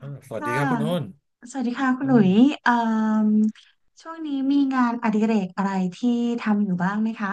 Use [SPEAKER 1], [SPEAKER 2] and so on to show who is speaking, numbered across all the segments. [SPEAKER 1] สวัสดี
[SPEAKER 2] ค่ะ
[SPEAKER 1] ครับคุณโอ้น
[SPEAKER 2] สวัสดีค่ะคุ
[SPEAKER 1] อื
[SPEAKER 2] ณหลุ
[SPEAKER 1] ม
[SPEAKER 2] ยเอ่มช่วงนี้มีงานอดิเรกอะไรที่ทำอยู่บ้างไหมคะ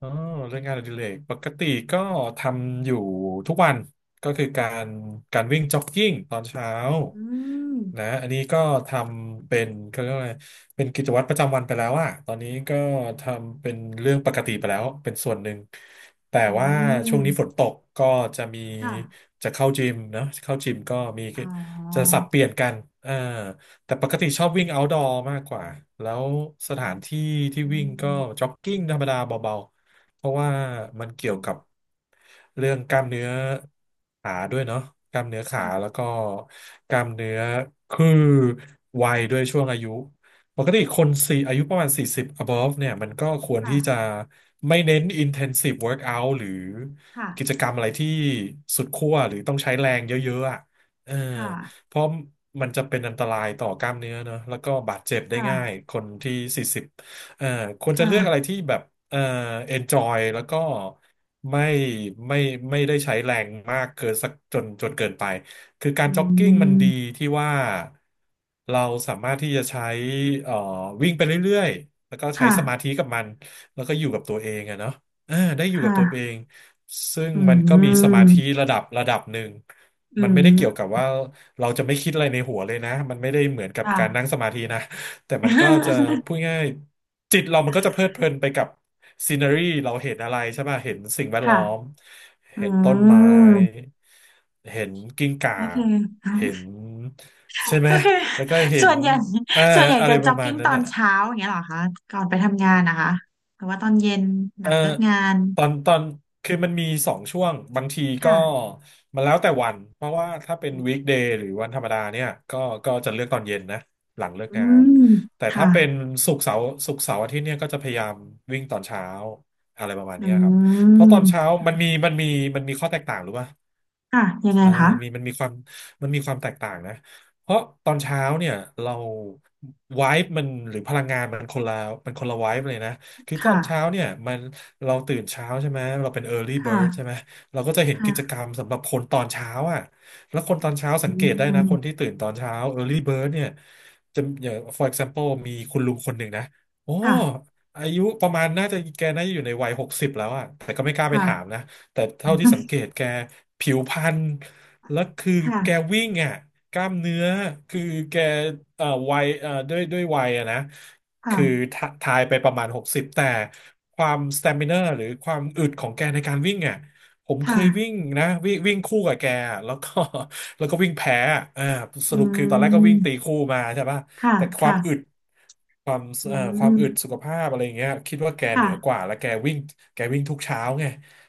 [SPEAKER 1] อ๋อเรื่องงานอดิเรกปกติก็ทำอยู่ทุกวันก็คือการวิ่งจ็อกกิ้งตอนเช้า
[SPEAKER 2] อืม
[SPEAKER 1] นะอันนี้ก็ทำเป็นเขาเรียกว่าอะไรเป็นกิจวัตรประจำวันไปแล้วอะตอนนี้ก็ทำเป็นเรื่องปกติไปแล้วเป็นส่วนหนึ่งแต่
[SPEAKER 2] อื
[SPEAKER 1] ว่าช่วงนี้ฝน
[SPEAKER 2] ม
[SPEAKER 1] ตกก็จะมี
[SPEAKER 2] ค่ะ
[SPEAKER 1] จะเข้าจิมเนอะเข้าจิมก็มี
[SPEAKER 2] อ๋อ
[SPEAKER 1] จะสับเปลี่ยนกันอ่าแต่ปกติชอบวิ่ง outdoor มากกว่าแล้วสถานที่
[SPEAKER 2] อ
[SPEAKER 1] ที่
[SPEAKER 2] ื
[SPEAKER 1] วิ่งก็
[SPEAKER 2] ม
[SPEAKER 1] จ็อกกิ้งธรรมดาเบา เพราะว่ามันเกี่
[SPEAKER 2] อื
[SPEAKER 1] ยว
[SPEAKER 2] ม
[SPEAKER 1] กับเรื่องกล้ามเนื้อขาด้วยเนาะกล้ามเนื้อขาแล้ว
[SPEAKER 2] ค่ะ
[SPEAKER 1] ก็กล้ามเนื้อคือวัยด้วยช่วงอายุปกติคนสี่อายุประมาณ40 above เนี่ยมันก็ควร
[SPEAKER 2] ค่ะ
[SPEAKER 1] ที่จะไม่เน้น intensive workout หรือ
[SPEAKER 2] ค่ะ
[SPEAKER 1] กิจกรรมอะไรที่สุดขั้วหรือต้องใช้แรงเยอะๆอ่ะเออ
[SPEAKER 2] ค่ะ
[SPEAKER 1] เพราะมันจะเป็นอันตรายต่อกล้ามเนื้อเนอะแล้วก็บาดเจ็บได้ง่าย
[SPEAKER 2] ค่ะ
[SPEAKER 1] คนที่40 เอ่อควรจะเลือกอะไร
[SPEAKER 2] ค่ะ
[SPEAKER 1] ที่แบบเอ่อ enjoy แล้วก็ไม่ไม่ไม่ได้ใช้แรงมากเกินสักจนเกินไปคือการ
[SPEAKER 2] อื
[SPEAKER 1] จ็อกกิ้งมันดี
[SPEAKER 2] ม
[SPEAKER 1] ที่ว่าเราสามารถที่จะใช้เอ่อวิ่งไปเรื่อยๆแล้วก็ใช้
[SPEAKER 2] ค่ะ
[SPEAKER 1] สมาธิกับมันแล้วก็อยู่กับตัวเองอะเนาะได้อ
[SPEAKER 2] ค
[SPEAKER 1] ยู่กับตัวเอ
[SPEAKER 2] ่ะ
[SPEAKER 1] งซึ่ง
[SPEAKER 2] อื
[SPEAKER 1] มันก็มีสมาธิ
[SPEAKER 2] ม
[SPEAKER 1] ระดับหนึ่ง
[SPEAKER 2] อื
[SPEAKER 1] มัน
[SPEAKER 2] ม
[SPEAKER 1] ไม่ได้เกี่ยวกับว่าเราจะไม่คิดอะไรในหัวเลยนะมันไม่ได้เหมือนกับ
[SPEAKER 2] ค่ะ
[SPEAKER 1] การนั่งสมาธินะ แต่มันก็จะ พูดง่ายจิตเรามันก็จะเพลิดเพลินไปกับซีนารีเราเห็นอะไรใช่ป่ะเห็นสิ่งแวดล้
[SPEAKER 2] ค่ะ
[SPEAKER 1] อม
[SPEAKER 2] อื
[SPEAKER 1] เห็นต้นไม้
[SPEAKER 2] ม
[SPEAKER 1] เห็นกิ้งก่า
[SPEAKER 2] ก็คือ
[SPEAKER 1] เห็น ใช่ไหม
[SPEAKER 2] ก็คือ
[SPEAKER 1] แล้วก็ เห็
[SPEAKER 2] ส่
[SPEAKER 1] น
[SPEAKER 2] วนใหญ่
[SPEAKER 1] อ่า
[SPEAKER 2] ส่วนใหญ่
[SPEAKER 1] อะไร
[SPEAKER 2] จะ
[SPEAKER 1] ป
[SPEAKER 2] จ็อ
[SPEAKER 1] ระ
[SPEAKER 2] ก
[SPEAKER 1] มาณ
[SPEAKER 2] กิ้ง
[SPEAKER 1] นั้
[SPEAKER 2] ต
[SPEAKER 1] น
[SPEAKER 2] อน
[SPEAKER 1] อ่ะ
[SPEAKER 2] เช้าอย่างเงี้ยเหรอคะก่อนไปทำงานนะคะหรือว่าตอนเย็นหลั
[SPEAKER 1] เอ่อ
[SPEAKER 2] งเลิกงาน
[SPEAKER 1] ตอนคือมันมีสองช่วงบางทีก็
[SPEAKER 2] ค่ะ
[SPEAKER 1] มันแล้วแต่วันเพราะว่าถ้าเป็นวีคเดย์หรือวันธรรมดาเนี่ยก็จะเลือกตอนเย็นนะหลังเลิก
[SPEAKER 2] อื
[SPEAKER 1] งาน
[SPEAKER 2] ม
[SPEAKER 1] แต่ถ้า
[SPEAKER 2] ค่ะ
[SPEAKER 1] เป็นศุกร์เสาร์อาทิตย์เนี่ยก็จะพยายามวิ่งตอนเช้าอะไรประมาณ
[SPEAKER 2] อื
[SPEAKER 1] เนี้ยครับเพราะตอนเช้า
[SPEAKER 2] ม
[SPEAKER 1] มันมีข้อแตกต่างหรือว่า
[SPEAKER 2] ค่ะยังไง
[SPEAKER 1] อ่า
[SPEAKER 2] คะ
[SPEAKER 1] มีมันมีความมันมีความแตกต่างนะเพราะตอนเช้าเนี่ยเราไวบ์มันหรือพลังงานมันคนละไวบ์เลยนะ คือตอ
[SPEAKER 2] ค่ะ
[SPEAKER 1] นเช้าเนี่ยมันเราตื่นเช้าใช่ไหมเราเป็น early
[SPEAKER 2] ค
[SPEAKER 1] bird ใช่ไห
[SPEAKER 2] ่ะ
[SPEAKER 1] มเราก็จะเห็นกิจ
[SPEAKER 2] ค่ะ
[SPEAKER 1] กรรมสำหรับคนตอนเช้าอ่ะแล้วคนตอนเช้าสั
[SPEAKER 2] อื
[SPEAKER 1] งเกตได้นะ
[SPEAKER 2] ม
[SPEAKER 1] คนที่ตื่นตอนเช้า early bird เนี่ยจะอย่าง for example มีคุณลุงคนหนึ่งนะโอ้
[SPEAKER 2] ค่ะ
[SPEAKER 1] อายุประมาณน่าจะอยู่ในวัยหกสิบแล้วอ่ะแต่ก็ไม่กล้าไปถาม
[SPEAKER 2] ค่ะ
[SPEAKER 1] นะ แต่เท่าที่สังเก ตแกผิวพรรณแล้วคือแก
[SPEAKER 2] ค่ะ
[SPEAKER 1] วิ่งอ่ะกล้ามเนื้อคือแกวัยด้วยวัยอะนะคือ
[SPEAKER 2] ค่ะ
[SPEAKER 1] ทะทายไปประมาณหกสิบแต่ความสเตม i เนอร์หรือความอึดของแกในการวิ่งอ่ะผมเค
[SPEAKER 2] ค่ะ
[SPEAKER 1] ยวิ่งนะวิ่งวิ่งคู่กับแกอะแล้วก็ แล้วก็วิ่งแพ้อะส
[SPEAKER 2] อื
[SPEAKER 1] รุปคือตอนแรกก็วิ่งตี
[SPEAKER 2] ม
[SPEAKER 1] คู่มาใช่ป่ะ
[SPEAKER 2] ค่ะ
[SPEAKER 1] แต่ความ
[SPEAKER 2] ค่ะ
[SPEAKER 1] อึดความ
[SPEAKER 2] อื
[SPEAKER 1] ความอึดสุ
[SPEAKER 2] ม
[SPEAKER 1] ขภาพอะไรอย่างเงี้ยคิดว่าแกเห
[SPEAKER 2] ค่ะ
[SPEAKER 1] นือกว่าแล้วแกวิ่งทุกเช้าไง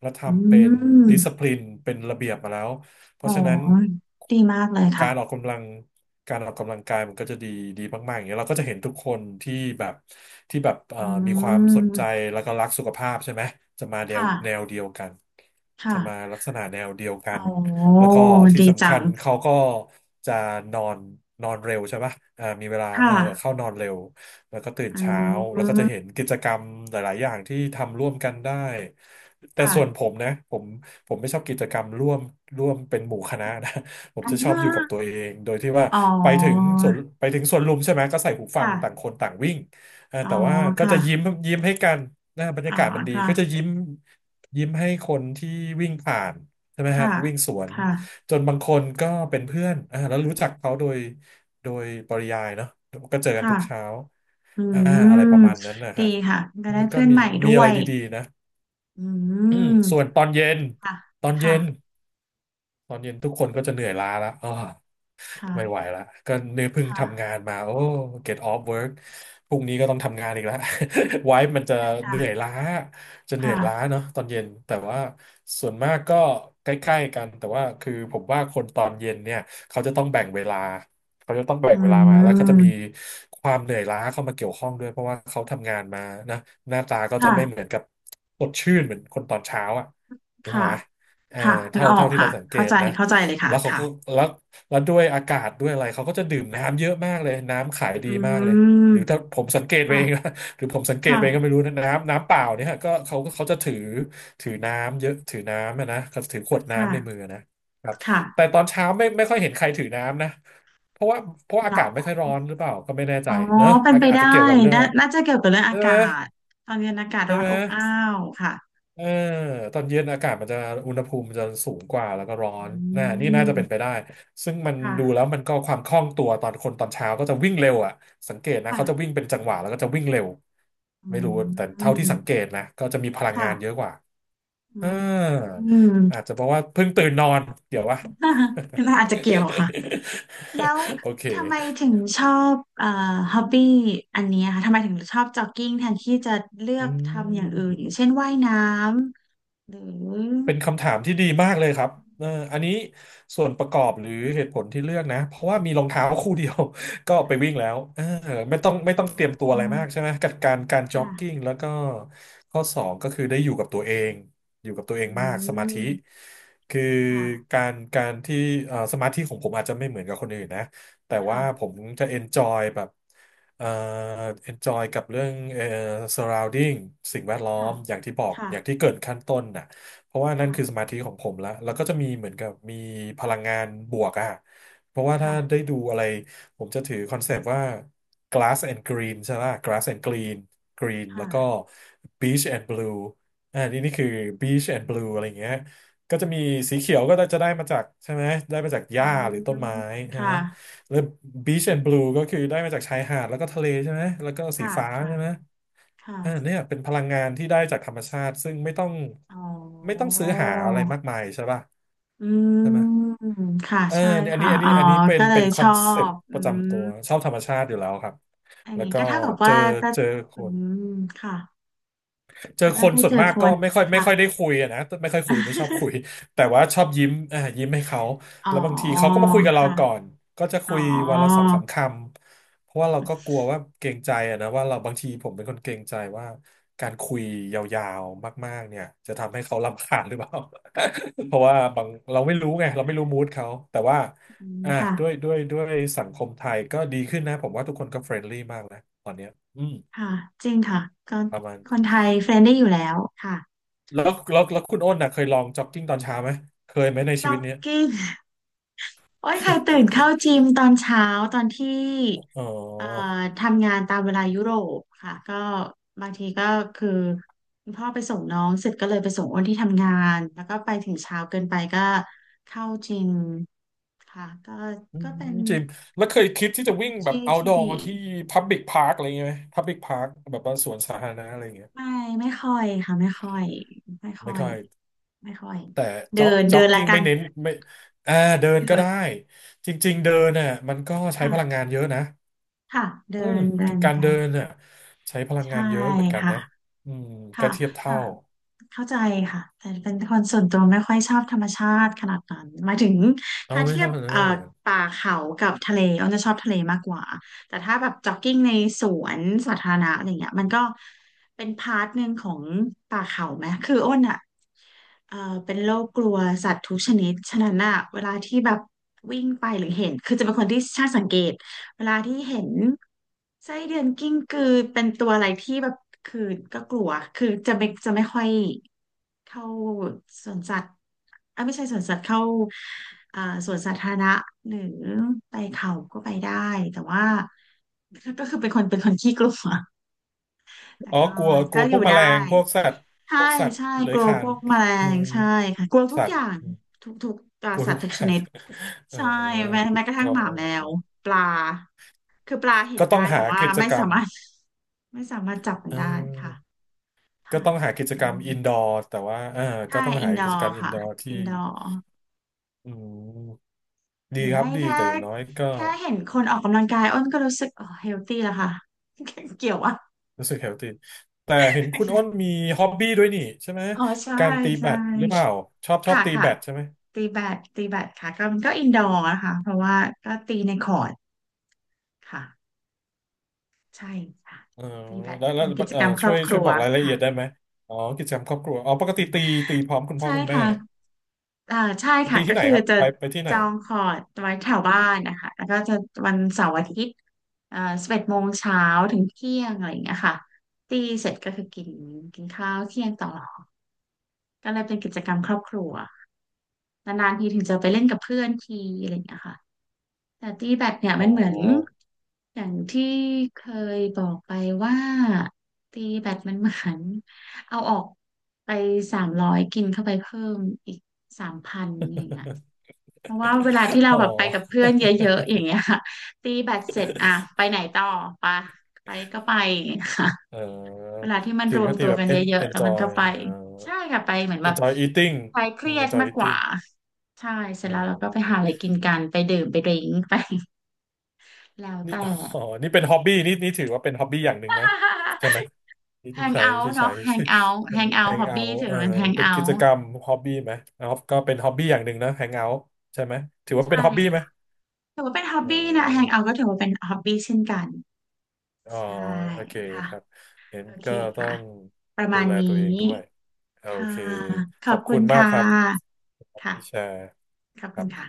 [SPEAKER 1] แล้ว
[SPEAKER 2] อื
[SPEAKER 1] ทำเป็นดิสซิ
[SPEAKER 2] ม
[SPEAKER 1] ปลินเป็นระเบียบมาแล้วเพ
[SPEAKER 2] อ๋
[SPEAKER 1] ราะฉะนั้น
[SPEAKER 2] อดีมากเลย
[SPEAKER 1] กา
[SPEAKER 2] ค่ะ
[SPEAKER 1] รออกกำลังการออกกำลังกายมันก็จะดีดีมากๆอย่างเงี้ยเราก็จะเห็นทุกคนที่แบบที่แบบ
[SPEAKER 2] อื
[SPEAKER 1] มีความสนใจ
[SPEAKER 2] ม
[SPEAKER 1] แล้วก็รักสุขภาพใช่ไหมจะมา
[SPEAKER 2] ค
[SPEAKER 1] แนว
[SPEAKER 2] ่ะ
[SPEAKER 1] เดียวกันจะมา
[SPEAKER 2] ค่ะ
[SPEAKER 1] ลักษณะแนวเดียวกั
[SPEAKER 2] อ๋
[SPEAKER 1] น
[SPEAKER 2] อ
[SPEAKER 1] แล้วก็ที่
[SPEAKER 2] ดี
[SPEAKER 1] สำ
[SPEAKER 2] จั
[SPEAKER 1] คั
[SPEAKER 2] ง
[SPEAKER 1] ญเขาก็จะนอนนอนเร็วใช่ปะมีเวลาเอ
[SPEAKER 2] ค่ะ
[SPEAKER 1] อเข้านอนเร็ว แล้วก็ตื่น
[SPEAKER 2] อื
[SPEAKER 1] เช้าแล้วก็จะเห็
[SPEAKER 2] ม
[SPEAKER 1] นกิจกรรมหลายๆอย่างที่ทำร่วมกันได้แต่
[SPEAKER 2] ค่ะ
[SPEAKER 1] ส่วนผมนะผมไม่ชอบกิจกรรมร่วมร่วมเป็นหมู่คณะนะ ผม
[SPEAKER 2] อ่
[SPEAKER 1] จะชอบอยู่กับ
[SPEAKER 2] า
[SPEAKER 1] ตัวเองโดยที่ว่า
[SPEAKER 2] อ๋อ
[SPEAKER 1] ไปถึงสวนลุมใช่ไหมก็ใส่หูฟัง
[SPEAKER 2] ค่ะ
[SPEAKER 1] ต่างคนต่างวิ่ง
[SPEAKER 2] อ๋อ
[SPEAKER 1] แต่ว่าก็
[SPEAKER 2] ค่ะ
[SPEAKER 1] จะยิ้มยิ้มให้กันนะบรร
[SPEAKER 2] อ๋
[SPEAKER 1] ยา
[SPEAKER 2] อ
[SPEAKER 1] กาศมันดี
[SPEAKER 2] ค่ะ
[SPEAKER 1] ก็จะยิ้มยิ้มให้คนที่วิ่งผ่านใช่ไหมฮะ
[SPEAKER 2] ค่ะ
[SPEAKER 1] วิ่งสว
[SPEAKER 2] ค
[SPEAKER 1] น
[SPEAKER 2] ่ะ
[SPEAKER 1] จนบางคนก็เป็นเพื่อนแล้วรู้จักเขาโดย โดยปริยายเนาะก็เจอกันทุกเช้า
[SPEAKER 2] ค่ะอื
[SPEAKER 1] อ่าอะ
[SPEAKER 2] ม
[SPEAKER 1] ไรประมาณนั้นนะ
[SPEAKER 2] ดี
[SPEAKER 1] ฮะ
[SPEAKER 2] ค่ะก็ได้
[SPEAKER 1] มันก็
[SPEAKER 2] เพื่อน
[SPEAKER 1] มี
[SPEAKER 2] ใหม่ด้
[SPEAKER 1] มี
[SPEAKER 2] ว
[SPEAKER 1] อะไร
[SPEAKER 2] ย
[SPEAKER 1] ดีๆนะ
[SPEAKER 2] อื
[SPEAKER 1] อืมส่วน
[SPEAKER 2] ม
[SPEAKER 1] ตอนเย็น
[SPEAKER 2] ค่ะ
[SPEAKER 1] ตอนเย็น
[SPEAKER 2] ค่ะ
[SPEAKER 1] ตอนเย็นทุกคนก็จะเหนื่อยล้าแล้ว ไม่ไหว
[SPEAKER 2] ค่ะ
[SPEAKER 1] ละก็เนื้อเพิ่
[SPEAKER 2] ค
[SPEAKER 1] งทำงา
[SPEAKER 2] ่ะ
[SPEAKER 1] นมาโอ้ get off work พรุ่งนี้ก็ต้องทำงานอีกแล้ว ไว้ มันจะ
[SPEAKER 2] ใช่
[SPEAKER 1] เห
[SPEAKER 2] ค่ะ
[SPEAKER 1] นื่อยล้าจะเหนื่อยล้า
[SPEAKER 2] ค่ะ
[SPEAKER 1] เนาะตอนเย็นแต่ว่าส่วนมากก็ใกล้ๆกันแต่ว่าคือผมว่าคนตอนเย็นเนี่ยเขาจะต้องแบ่งเวลาเขาจะต้องแบ่
[SPEAKER 2] อื
[SPEAKER 1] งเวลามาแล้วก็จะมี
[SPEAKER 2] ม
[SPEAKER 1] ความเหนื่อยล้าเข้ามาเกี่ยวข้องด้วยเพราะว่าเขาทำงานมานะหน้าตาก็จะไม่เหมื
[SPEAKER 2] ค่ะ
[SPEAKER 1] อนกับสดชื่นเหมือนคนตอนเช้าอ่ะถูก
[SPEAKER 2] ค่ะ
[SPEAKER 1] ไหมเออ
[SPEAKER 2] ค่ะนึกออ
[SPEAKER 1] เท่า
[SPEAKER 2] ก
[SPEAKER 1] ที่
[SPEAKER 2] ค่ะ
[SPEAKER 1] เราสังเก
[SPEAKER 2] เข้า
[SPEAKER 1] ต
[SPEAKER 2] ใจ
[SPEAKER 1] นะ
[SPEAKER 2] เข้าใจเลยค่ะ
[SPEAKER 1] แล้วเขา
[SPEAKER 2] ค่ะ
[SPEAKER 1] ก็แล้ว แล้วด้วยอากาศด้วยอะไรเขาก็จะดื่มน้ำเยอะมากเลยน้ำขายดี
[SPEAKER 2] อื
[SPEAKER 1] มากเลย
[SPEAKER 2] ม
[SPEAKER 1] หรือถ้าผมสังเกตไป
[SPEAKER 2] ค่ะ
[SPEAKER 1] เองนะ หรือผมสังเกต
[SPEAKER 2] ค่ะ
[SPEAKER 1] ไปเองก็ไม่รู้นะน้ำเปล่าเนี่ยฮะก็เขาจะถือถือน้ำเยอะถือน้ำอะนะเขาจะถือขวด
[SPEAKER 2] ค่ะ
[SPEAKER 1] น้ำในมือนะครับ
[SPEAKER 2] ค่
[SPEAKER 1] แต่ตอนเช้าไม่ค่อยเห็นใครถือน้ำนะเพราะว่าเพราะอากาศไม่
[SPEAKER 2] ะ
[SPEAKER 1] ค่อยร้อนหรือเปล่าก็ไม่แน่ใจ
[SPEAKER 2] อ๋อ
[SPEAKER 1] เนอะ
[SPEAKER 2] เป็นไป
[SPEAKER 1] อาจ
[SPEAKER 2] ได้
[SPEAKER 1] จะเกี่ยวกับเรื่อง
[SPEAKER 2] น่าน่าจะเกี่ยวกับเรื่องอา
[SPEAKER 1] ใช่ไห
[SPEAKER 2] กา
[SPEAKER 1] ม
[SPEAKER 2] ศตอนเย็นอากาศ
[SPEAKER 1] ใช่
[SPEAKER 2] ร้อน
[SPEAKER 1] ไหม
[SPEAKER 2] อบอ้าวค่ะ
[SPEAKER 1] เออตอนเย็นอากาศมันจะอุณหภูมิมันจะสูงกว่าแล้วก็ร้อน
[SPEAKER 2] อื
[SPEAKER 1] น่ะนี่น่าจะเป็นไป
[SPEAKER 2] ม
[SPEAKER 1] ได้ซึ่งมันดูแล้
[SPEAKER 2] ค่ะ
[SPEAKER 1] วมันก็ความคล่องตัวตอนคนตอนเช้าก็จะวิ่งเร็วอ่ะสังเกตนะ
[SPEAKER 2] ค่ะ
[SPEAKER 1] เขาจะวิ่งเป็นจังหวะแล้วก็จะวิ่งเร็ว
[SPEAKER 2] อื
[SPEAKER 1] ไม่รู้แต่เท่าที่
[SPEAKER 2] ม
[SPEAKER 1] สังเกตนะก็จะมีพลังงานเยอะ
[SPEAKER 2] ค่ะ
[SPEAKER 1] กว่า
[SPEAKER 2] อื
[SPEAKER 1] เออ
[SPEAKER 2] มอืม
[SPEAKER 1] อาจจะเพราะว่าเพิ่งตื่นนอนเดี๋ยววะ
[SPEAKER 2] น่าน่าอาจจะเกี่ยวค่ะแล้ว
[SPEAKER 1] โอเค
[SPEAKER 2] ทำไมถึงชอบฮอบบี้อันเนี้ยค่ะทำไมถึงชอบจ็อกกิ้งแทนที่จะเลือ
[SPEAKER 1] อื
[SPEAKER 2] กทำอย่างอื่นอ
[SPEAKER 1] ม
[SPEAKER 2] ย่างเช่นว่ายน้ำหรือ
[SPEAKER 1] เป็นคำถามที่ดีมากเลยครับเอออันนี้ส่วนประกอบหรือเหตุผลที่เลือกนะ เพราะว่ามีรองเท้า
[SPEAKER 2] ค่ะ
[SPEAKER 1] คู่เดียว ก็ไปวิ่งแล้วเออไม่ต้องเต
[SPEAKER 2] อ
[SPEAKER 1] รียมตัว
[SPEAKER 2] ๋อ
[SPEAKER 1] อะไรมากใช่ไหมกับการ
[SPEAKER 2] ค
[SPEAKER 1] จ็อกกิ้ง
[SPEAKER 2] ่ะ
[SPEAKER 1] แล้วก็ข้อสองก็คือได้อยู่กับตัวเอง อยู่กับตัว
[SPEAKER 2] อื
[SPEAKER 1] เองมากสมาธิ
[SPEAKER 2] ม
[SPEAKER 1] คือ
[SPEAKER 2] ค่ะ
[SPEAKER 1] การที่สมาธิของผมอาจจะไม่เหมือนกับคนอื่นนะ แต่ว่า
[SPEAKER 2] ค่ะ
[SPEAKER 1] ผมจะเอนจอยแบบเอ่อเอนจอยกับเรื่องsurrounding สิ่งแวดล้อ
[SPEAKER 2] ค่ะ
[SPEAKER 1] มอย่างที่บอก
[SPEAKER 2] ค่ะ
[SPEAKER 1] อย่างที่เกริ่นขั้นต้นนะ เพราะว่านั่น
[SPEAKER 2] ค่ะ
[SPEAKER 1] คือสมาธิของผมละแล้วก็จะมีเหมือนกับมีพลังงานบวกอะเพราะว่าถ้า
[SPEAKER 2] ค่ะ
[SPEAKER 1] ได้ดูอะไร ผมจะถือคอนเซปต์ว่า glass and green ใช่ไหม glass and green green
[SPEAKER 2] ค
[SPEAKER 1] แล้วก็
[SPEAKER 2] ่ะ
[SPEAKER 1] beach and blue อ่านี่นี่คือ beach and blue อะไรอย่างเงี้ยก็จะมีสีเขียวก็จะได้มาจากใช่ไหม ได้มาจากห
[SPEAKER 2] อื
[SPEAKER 1] ญ้า
[SPEAKER 2] ม
[SPEAKER 1] หรือต้นไม้ฮะ
[SPEAKER 2] ค่ะ
[SPEAKER 1] แล้วบีชแอนด์บลูก็คือได้มาจากชายหาดแล้วก็ทะเลใช่ไหมแล้วก็สี
[SPEAKER 2] ค่ะ
[SPEAKER 1] ฟ้า
[SPEAKER 2] ค่ะ
[SPEAKER 1] ใช่ไหม
[SPEAKER 2] ค่ะ
[SPEAKER 1] อ่าเนี่ยเป็นพลังงานที่ได้จากธรรมชาติซึ่ง
[SPEAKER 2] อ๋อ
[SPEAKER 1] ไม่ต้องซื้อหาอะไรมากมายใช่ป่ะ
[SPEAKER 2] อื
[SPEAKER 1] ใช่ไหม
[SPEAKER 2] มค่ะ
[SPEAKER 1] เออ
[SPEAKER 2] ใช่ค่ะอ๋อ
[SPEAKER 1] อันนี้เป็น
[SPEAKER 2] ก็เลย
[SPEAKER 1] ค
[SPEAKER 2] ช
[SPEAKER 1] อ
[SPEAKER 2] อ
[SPEAKER 1] นเซ็ป
[SPEAKER 2] บ
[SPEAKER 1] ต์
[SPEAKER 2] อื
[SPEAKER 1] ประ
[SPEAKER 2] ม
[SPEAKER 1] จำตัวชอบธรรมชาติอยู่แล้วครับ
[SPEAKER 2] อย่าง
[SPEAKER 1] แล้ว
[SPEAKER 2] นี้
[SPEAKER 1] ก็
[SPEAKER 2] ก็เท่ากับ
[SPEAKER 1] เจ
[SPEAKER 2] ว่า
[SPEAKER 1] อ
[SPEAKER 2] ก็
[SPEAKER 1] เจอค
[SPEAKER 2] อื
[SPEAKER 1] น
[SPEAKER 2] มค่ะ
[SPEAKER 1] เจอ
[SPEAKER 2] แล้วก็
[SPEAKER 1] คน
[SPEAKER 2] ได้
[SPEAKER 1] ส่ว
[SPEAKER 2] เจ
[SPEAKER 1] น
[SPEAKER 2] อ
[SPEAKER 1] มาก
[SPEAKER 2] ค
[SPEAKER 1] ก็
[SPEAKER 2] น
[SPEAKER 1] ไม่
[SPEAKER 2] ค่ะ
[SPEAKER 1] ค่อยได้คุยอะนะไม่ค่อยคุยไม่ชอบคุย แต่ว่าชอบยิ้มอ่ายิ้มให้เขา
[SPEAKER 2] อ๋อ
[SPEAKER 1] แล้วบางทีเขาก็มาคุยกับเรา
[SPEAKER 2] ค่ะ
[SPEAKER 1] ก่อนก็จะ
[SPEAKER 2] อ๋
[SPEAKER 1] คุ
[SPEAKER 2] อ
[SPEAKER 1] ยวันละสองสามคำเพราะว่าเราก็กลัวว่าเกรงใจอะนะว่าเราบางทีผมเป็นคนเกรงใจว่าการคุยยาวๆมากๆเนี่ยจะทำให้เขารำคาญหรือเปล่า เพราะว่าบางเราไม่รู้ไงเราไม่รู้มูดเขาแต่ว่า
[SPEAKER 2] อืม
[SPEAKER 1] อ่า
[SPEAKER 2] ค่ะ
[SPEAKER 1] ด้วยสังคมไทยก็ดีขึ้นนะผมว่าทุกคนก็เฟรนลี่มากนะตอนเนี้ยอืม
[SPEAKER 2] ค่ะ จริงค่ะก็
[SPEAKER 1] ประมาณ
[SPEAKER 2] คนไทยเฟรนได้อยู่แล้วค่ะ
[SPEAKER 1] แล้วคุณอ้นน่ะเคยลองจ็อกกิ้งตอนเช้าไหมเคยไหมในชี
[SPEAKER 2] จ็
[SPEAKER 1] วิ
[SPEAKER 2] อ
[SPEAKER 1] ต
[SPEAKER 2] ก
[SPEAKER 1] เนี้ย
[SPEAKER 2] กิ้ง โอ้ยค่ะตื่นเข้าจิมตอนเช้าตอนที่
[SPEAKER 1] อ๋อ
[SPEAKER 2] เอ่อทำงานตามเวลายุโรปค่ะก็บางทีก็คือคุณพ่อไปส่งน้องเสร็จก็เลยไปส่งอ้นที่ทำงานแล้วก็ไปถึงเช้าเกินไปก็เข้าจิมค่ะก็
[SPEAKER 1] อื
[SPEAKER 2] ก็
[SPEAKER 1] ม
[SPEAKER 2] เป็น
[SPEAKER 1] จริงแล้วเคยคิดที่จะวิ่งแบบ
[SPEAKER 2] ที่
[SPEAKER 1] เอา d
[SPEAKER 2] ที่
[SPEAKER 1] o ด
[SPEAKER 2] ดี
[SPEAKER 1] มาที่พ u b l i c p าร์คอะไรเงี้ยไหมพับ c p าร์คแบบว่าสวนสาธารณะอะไรเงี้ย
[SPEAKER 2] ไม่ไม่ค่อยค่ะไม่ค่อยไม่ค่
[SPEAKER 1] ไม่
[SPEAKER 2] อย
[SPEAKER 1] ค่อย
[SPEAKER 2] ไม่ค่อย
[SPEAKER 1] แต่
[SPEAKER 2] เดิน
[SPEAKER 1] จ็อ
[SPEAKER 2] เดิ
[SPEAKER 1] ก
[SPEAKER 2] นละ
[SPEAKER 1] กิ้ง
[SPEAKER 2] กั
[SPEAKER 1] ไม่
[SPEAKER 2] น
[SPEAKER 1] เน้นไม่อ่าเดินก็
[SPEAKER 2] เดิ
[SPEAKER 1] ได้
[SPEAKER 2] น
[SPEAKER 1] จริงๆเดินน่ะมันก็ใช้พลังงา
[SPEAKER 2] ค่ะ
[SPEAKER 1] นเยอะนะ
[SPEAKER 2] ค่ะเดิ
[SPEAKER 1] อืม
[SPEAKER 2] นเดิน
[SPEAKER 1] การ
[SPEAKER 2] ไป
[SPEAKER 1] เดินน่ะใช้พลัง
[SPEAKER 2] ใช่
[SPEAKER 1] งานเยอะเหมือนกัน
[SPEAKER 2] ค่ะ
[SPEAKER 1] นะอืมก็
[SPEAKER 2] ค่ะ
[SPEAKER 1] เทียบ
[SPEAKER 2] แต่
[SPEAKER 1] เท่า
[SPEAKER 2] เข้าใจค่ะ แต่เป็นคนส่วนตัวไม่ค่อยชอบธรรมชาติขนาดนั้นหมายถึง
[SPEAKER 1] เอา
[SPEAKER 2] ถ้า
[SPEAKER 1] ไม่
[SPEAKER 2] เทีย
[SPEAKER 1] เท่า
[SPEAKER 2] บ
[SPEAKER 1] นั้นเลย
[SPEAKER 2] ป่าเขากับทะเลอ้นจะชอบทะเลมากกว่า แต่ถ้าแบบจ็อกกิ้งในสวนสาธารณะอะไรเงี้ยมันก็เป็นพาร์ทหนึ่งของป่าเขาไหม คืออ้นอ่ะเป็นโรคกลัวสัตว์ทุกชนิด ฉะนั้นอ่ะเวลาที่แบบวิ่งไปหรือเห็น คือจะเป็นคนที่ช่างสังเกตเวลาที่เห็นไส้เดือนกิ้งกือเป็นตัวอะไรที่แบบคือก็กลัวคือจะไม่ค่อย เข้าสวนสัตว์อ่ะไม่ใช่สวนสัตว์เข้าอ่าสวนสาธารณะหรือไปเขาก็ไปได้แต่ว่าก็คือเป็นคนขี้กลัวแต่
[SPEAKER 1] อ๋อ
[SPEAKER 2] ก็
[SPEAKER 1] กลัวกลั
[SPEAKER 2] ก็
[SPEAKER 1] ว
[SPEAKER 2] อ
[SPEAKER 1] พวก
[SPEAKER 2] ยู่
[SPEAKER 1] แม
[SPEAKER 2] ได้
[SPEAKER 1] ลงพวกสัตว์
[SPEAKER 2] ใช่
[SPEAKER 1] พวกสัตว์
[SPEAKER 2] ใช่
[SPEAKER 1] เลื้
[SPEAKER 2] ก
[SPEAKER 1] อย
[SPEAKER 2] ลั
[SPEAKER 1] ค
[SPEAKER 2] ว
[SPEAKER 1] ลา
[SPEAKER 2] พ
[SPEAKER 1] น
[SPEAKER 2] วกแมล
[SPEAKER 1] อื
[SPEAKER 2] ง
[SPEAKER 1] ม
[SPEAKER 2] ใช่ค่ะกลัวทุก
[SPEAKER 1] สัต
[SPEAKER 2] อ
[SPEAKER 1] ว์
[SPEAKER 2] ย่าง
[SPEAKER 1] อืม
[SPEAKER 2] ทุกอ่า
[SPEAKER 1] กลัว
[SPEAKER 2] สั
[SPEAKER 1] ทุ
[SPEAKER 2] ต
[SPEAKER 1] ก
[SPEAKER 2] ว์ทุ
[SPEAKER 1] อ
[SPEAKER 2] ก
[SPEAKER 1] ย่า
[SPEAKER 2] ช
[SPEAKER 1] ง
[SPEAKER 2] นิด
[SPEAKER 1] เออ
[SPEAKER 2] ใช่แม้กระทั่
[SPEAKER 1] ก็
[SPEAKER 2] งหมา
[SPEAKER 1] เออ
[SPEAKER 2] แมวปลาคือปลาเห็น
[SPEAKER 1] ก็ต้อง
[SPEAKER 2] ได้แต่
[SPEAKER 1] หา
[SPEAKER 2] ว่า
[SPEAKER 1] กิจ
[SPEAKER 2] ไม่
[SPEAKER 1] กร
[SPEAKER 2] สา
[SPEAKER 1] รม
[SPEAKER 2] มารถ ไม่สามารถจับมั
[SPEAKER 1] เ
[SPEAKER 2] นได้ค่ะ
[SPEAKER 1] ออก็
[SPEAKER 2] ค่ะ
[SPEAKER 1] ต้องหากิจ
[SPEAKER 2] อื
[SPEAKER 1] กรรม
[SPEAKER 2] ม
[SPEAKER 1] อินดอร์แต่ว่าเออ
[SPEAKER 2] ใช่
[SPEAKER 1] ก็ต้อง
[SPEAKER 2] อิ
[SPEAKER 1] หา
[SPEAKER 2] นดอ
[SPEAKER 1] กิจก
[SPEAKER 2] ร์
[SPEAKER 1] รรมอิน
[SPEAKER 2] ค่ะ
[SPEAKER 1] ดอร์ที่
[SPEAKER 2] อินดอร์
[SPEAKER 1] อืม
[SPEAKER 2] ห
[SPEAKER 1] ดี
[SPEAKER 2] รือ
[SPEAKER 1] ครั
[SPEAKER 2] ไม่
[SPEAKER 1] บดี
[SPEAKER 2] แค่
[SPEAKER 1] แต่อย่างน้อยก็
[SPEAKER 2] แค่เห็นคนออกกำลังกายอ้นก็รู้สึกอ๋อเฮลตี้แล้วค่ะ เกี่ยวอ่ะ
[SPEAKER 1] รู้สึกเฮลตี้แต่เห็นคุณอ้นมีฮ็อบบี้ด้วยนี่ใช่ไหม
[SPEAKER 2] อ๋อใช่
[SPEAKER 1] การตีแบ
[SPEAKER 2] ใช่
[SPEAKER 1] ดหรือเปล่าชอบ
[SPEAKER 2] ค่ะ
[SPEAKER 1] ตี
[SPEAKER 2] ค่ะ
[SPEAKER 1] แบดใช่ไหม
[SPEAKER 2] ตีแบดตีแบดค่ะก็มันก็อินดอร์นะคะเพราะว่าก็ตีในคอร์ตค่ะใช่ค่ะ
[SPEAKER 1] เออ
[SPEAKER 2] ตีแบด
[SPEAKER 1] แล้วแล้
[SPEAKER 2] เป็
[SPEAKER 1] ว
[SPEAKER 2] นกิจ
[SPEAKER 1] เอ
[SPEAKER 2] ก
[SPEAKER 1] อ
[SPEAKER 2] รรมคร
[SPEAKER 1] ช่
[SPEAKER 2] อ
[SPEAKER 1] ว
[SPEAKER 2] บ
[SPEAKER 1] ย
[SPEAKER 2] ครัว
[SPEAKER 1] บอกรายละเอี
[SPEAKER 2] ค่ะ
[SPEAKER 1] ยดได้ไหมอ๋อกิจกรรมครอบครัวอ๋อปกติตีพร้อมคุณพ่อ
[SPEAKER 2] ใช่
[SPEAKER 1] คุณแม่
[SPEAKER 2] ค่ะ อ่าใช่ค่ะ
[SPEAKER 1] ตี
[SPEAKER 2] ก็
[SPEAKER 1] ที่ไหน
[SPEAKER 2] คือ
[SPEAKER 1] ครับ
[SPEAKER 2] จะ
[SPEAKER 1] ไปที่ไห
[SPEAKER 2] จ
[SPEAKER 1] น
[SPEAKER 2] องคอร์ดไว้แถวบ้านนะคะแล้วก็จะวันเสาร์อาทิตย์11โมงเช้าถึงเที่ยงอะไรอย่างเงี้ยค่ะตีเสร็จก็คือกินกินข้าวเที่ยงต่อก็เลยเป็นกิจกรรมครอบครัวนานๆทีถึงจะไปเล่นกับเพื่อนทีอะไรอย่างเงี้ยค่ะแต่ตีแบดเนี่ย
[SPEAKER 1] อ๋
[SPEAKER 2] มั
[SPEAKER 1] อ
[SPEAKER 2] นเหมือนอย่างที่เคยบอกไปว่าตีแบดมันเหมือนเอาออกไป300กินเข้าไปเพิ่มอีก3,000อะไรอย่างเงี้ย เพราะว่าเวลาที่ เรา
[SPEAKER 1] อ๋อ
[SPEAKER 2] แบบไปกับเพื่อนเยอะๆอย่างเงี้ยค่ะ ตีแบตเสร็จอ่ะไปไหนต่อปะไปก็ไปอย่างเงี้ยค่ะ
[SPEAKER 1] เ
[SPEAKER 2] เว
[SPEAKER 1] ออ
[SPEAKER 2] ลาที่มัน
[SPEAKER 1] ตี
[SPEAKER 2] รวม
[SPEAKER 1] ก็ตี
[SPEAKER 2] ตัว
[SPEAKER 1] แบบ
[SPEAKER 2] กันเย อะๆแล้วมันก็
[SPEAKER 1] enjoy
[SPEAKER 2] ไป
[SPEAKER 1] เอ่อ
[SPEAKER 2] ใช่ค่ะไปเหมือนแบบ
[SPEAKER 1] enjoy eating
[SPEAKER 2] คลายเค
[SPEAKER 1] อื
[SPEAKER 2] รี
[SPEAKER 1] ม
[SPEAKER 2] ยด
[SPEAKER 1] enjoy
[SPEAKER 2] มากกว่า
[SPEAKER 1] eating
[SPEAKER 2] ใช่เสร็จ
[SPEAKER 1] อื
[SPEAKER 2] แล้วเราก็ไปหาอะไร
[SPEAKER 1] ม
[SPEAKER 2] กินกันไปดื่มไปดริ้งไปแล้ว
[SPEAKER 1] นี่
[SPEAKER 2] แต่
[SPEAKER 1] อ๋อนี่เป็นฮอบบี้นี่ถือว่าเป็นฮอบบี้อย่างหนึ่งนะใช่ไหม
[SPEAKER 2] แฮงเอา
[SPEAKER 1] ที่
[SPEAKER 2] ท์
[SPEAKER 1] ใช้
[SPEAKER 2] เนาะแฮงเอาท์แฮง เอาท์ฮ
[SPEAKER 1] hang
[SPEAKER 2] อบ
[SPEAKER 1] out
[SPEAKER 2] บี้ถือ
[SPEAKER 1] เออ
[SPEAKER 2] ว่าเป็นแฮง
[SPEAKER 1] เป็น
[SPEAKER 2] เอา
[SPEAKER 1] กิจ
[SPEAKER 2] ท์
[SPEAKER 1] กรรมฮอบบี้ไหมอ๋อก็เป็นฮอบบี้อย่างหนึ่งนะ hang อ u t ใช่ไหมถือว่าเป็น
[SPEAKER 2] ใช่
[SPEAKER 1] ฮอบบี้ไหม
[SPEAKER 2] ค่ะถือว่าเป็นฮอบ
[SPEAKER 1] อ๋อ
[SPEAKER 2] บี้นะแฮงเอาท์ก็ถือว่าเป็นฮอบบี้เช่นกัน
[SPEAKER 1] อ๋อ
[SPEAKER 2] ใช่
[SPEAKER 1] โอเค
[SPEAKER 2] ค่ะ
[SPEAKER 1] ครับ เห็น
[SPEAKER 2] โอเค
[SPEAKER 1] ก็ต้อ
[SPEAKER 2] ค่ะ
[SPEAKER 1] ง
[SPEAKER 2] ประ
[SPEAKER 1] ดู
[SPEAKER 2] มาณ
[SPEAKER 1] แล
[SPEAKER 2] นี
[SPEAKER 1] ตัวเอ
[SPEAKER 2] ้
[SPEAKER 1] งด้วย โอ
[SPEAKER 2] ค่ะ
[SPEAKER 1] เค
[SPEAKER 2] ข
[SPEAKER 1] ข
[SPEAKER 2] อ
[SPEAKER 1] อ
[SPEAKER 2] บ
[SPEAKER 1] บ
[SPEAKER 2] คุ
[SPEAKER 1] คุ
[SPEAKER 2] ณ
[SPEAKER 1] ณมาก
[SPEAKER 2] ค่
[SPEAKER 1] ครับ
[SPEAKER 2] ะค่ะ
[SPEAKER 1] ที่แชร์
[SPEAKER 2] ขอบ
[SPEAKER 1] ค
[SPEAKER 2] คุ
[SPEAKER 1] รั
[SPEAKER 2] ณ
[SPEAKER 1] บ
[SPEAKER 2] ค่ะ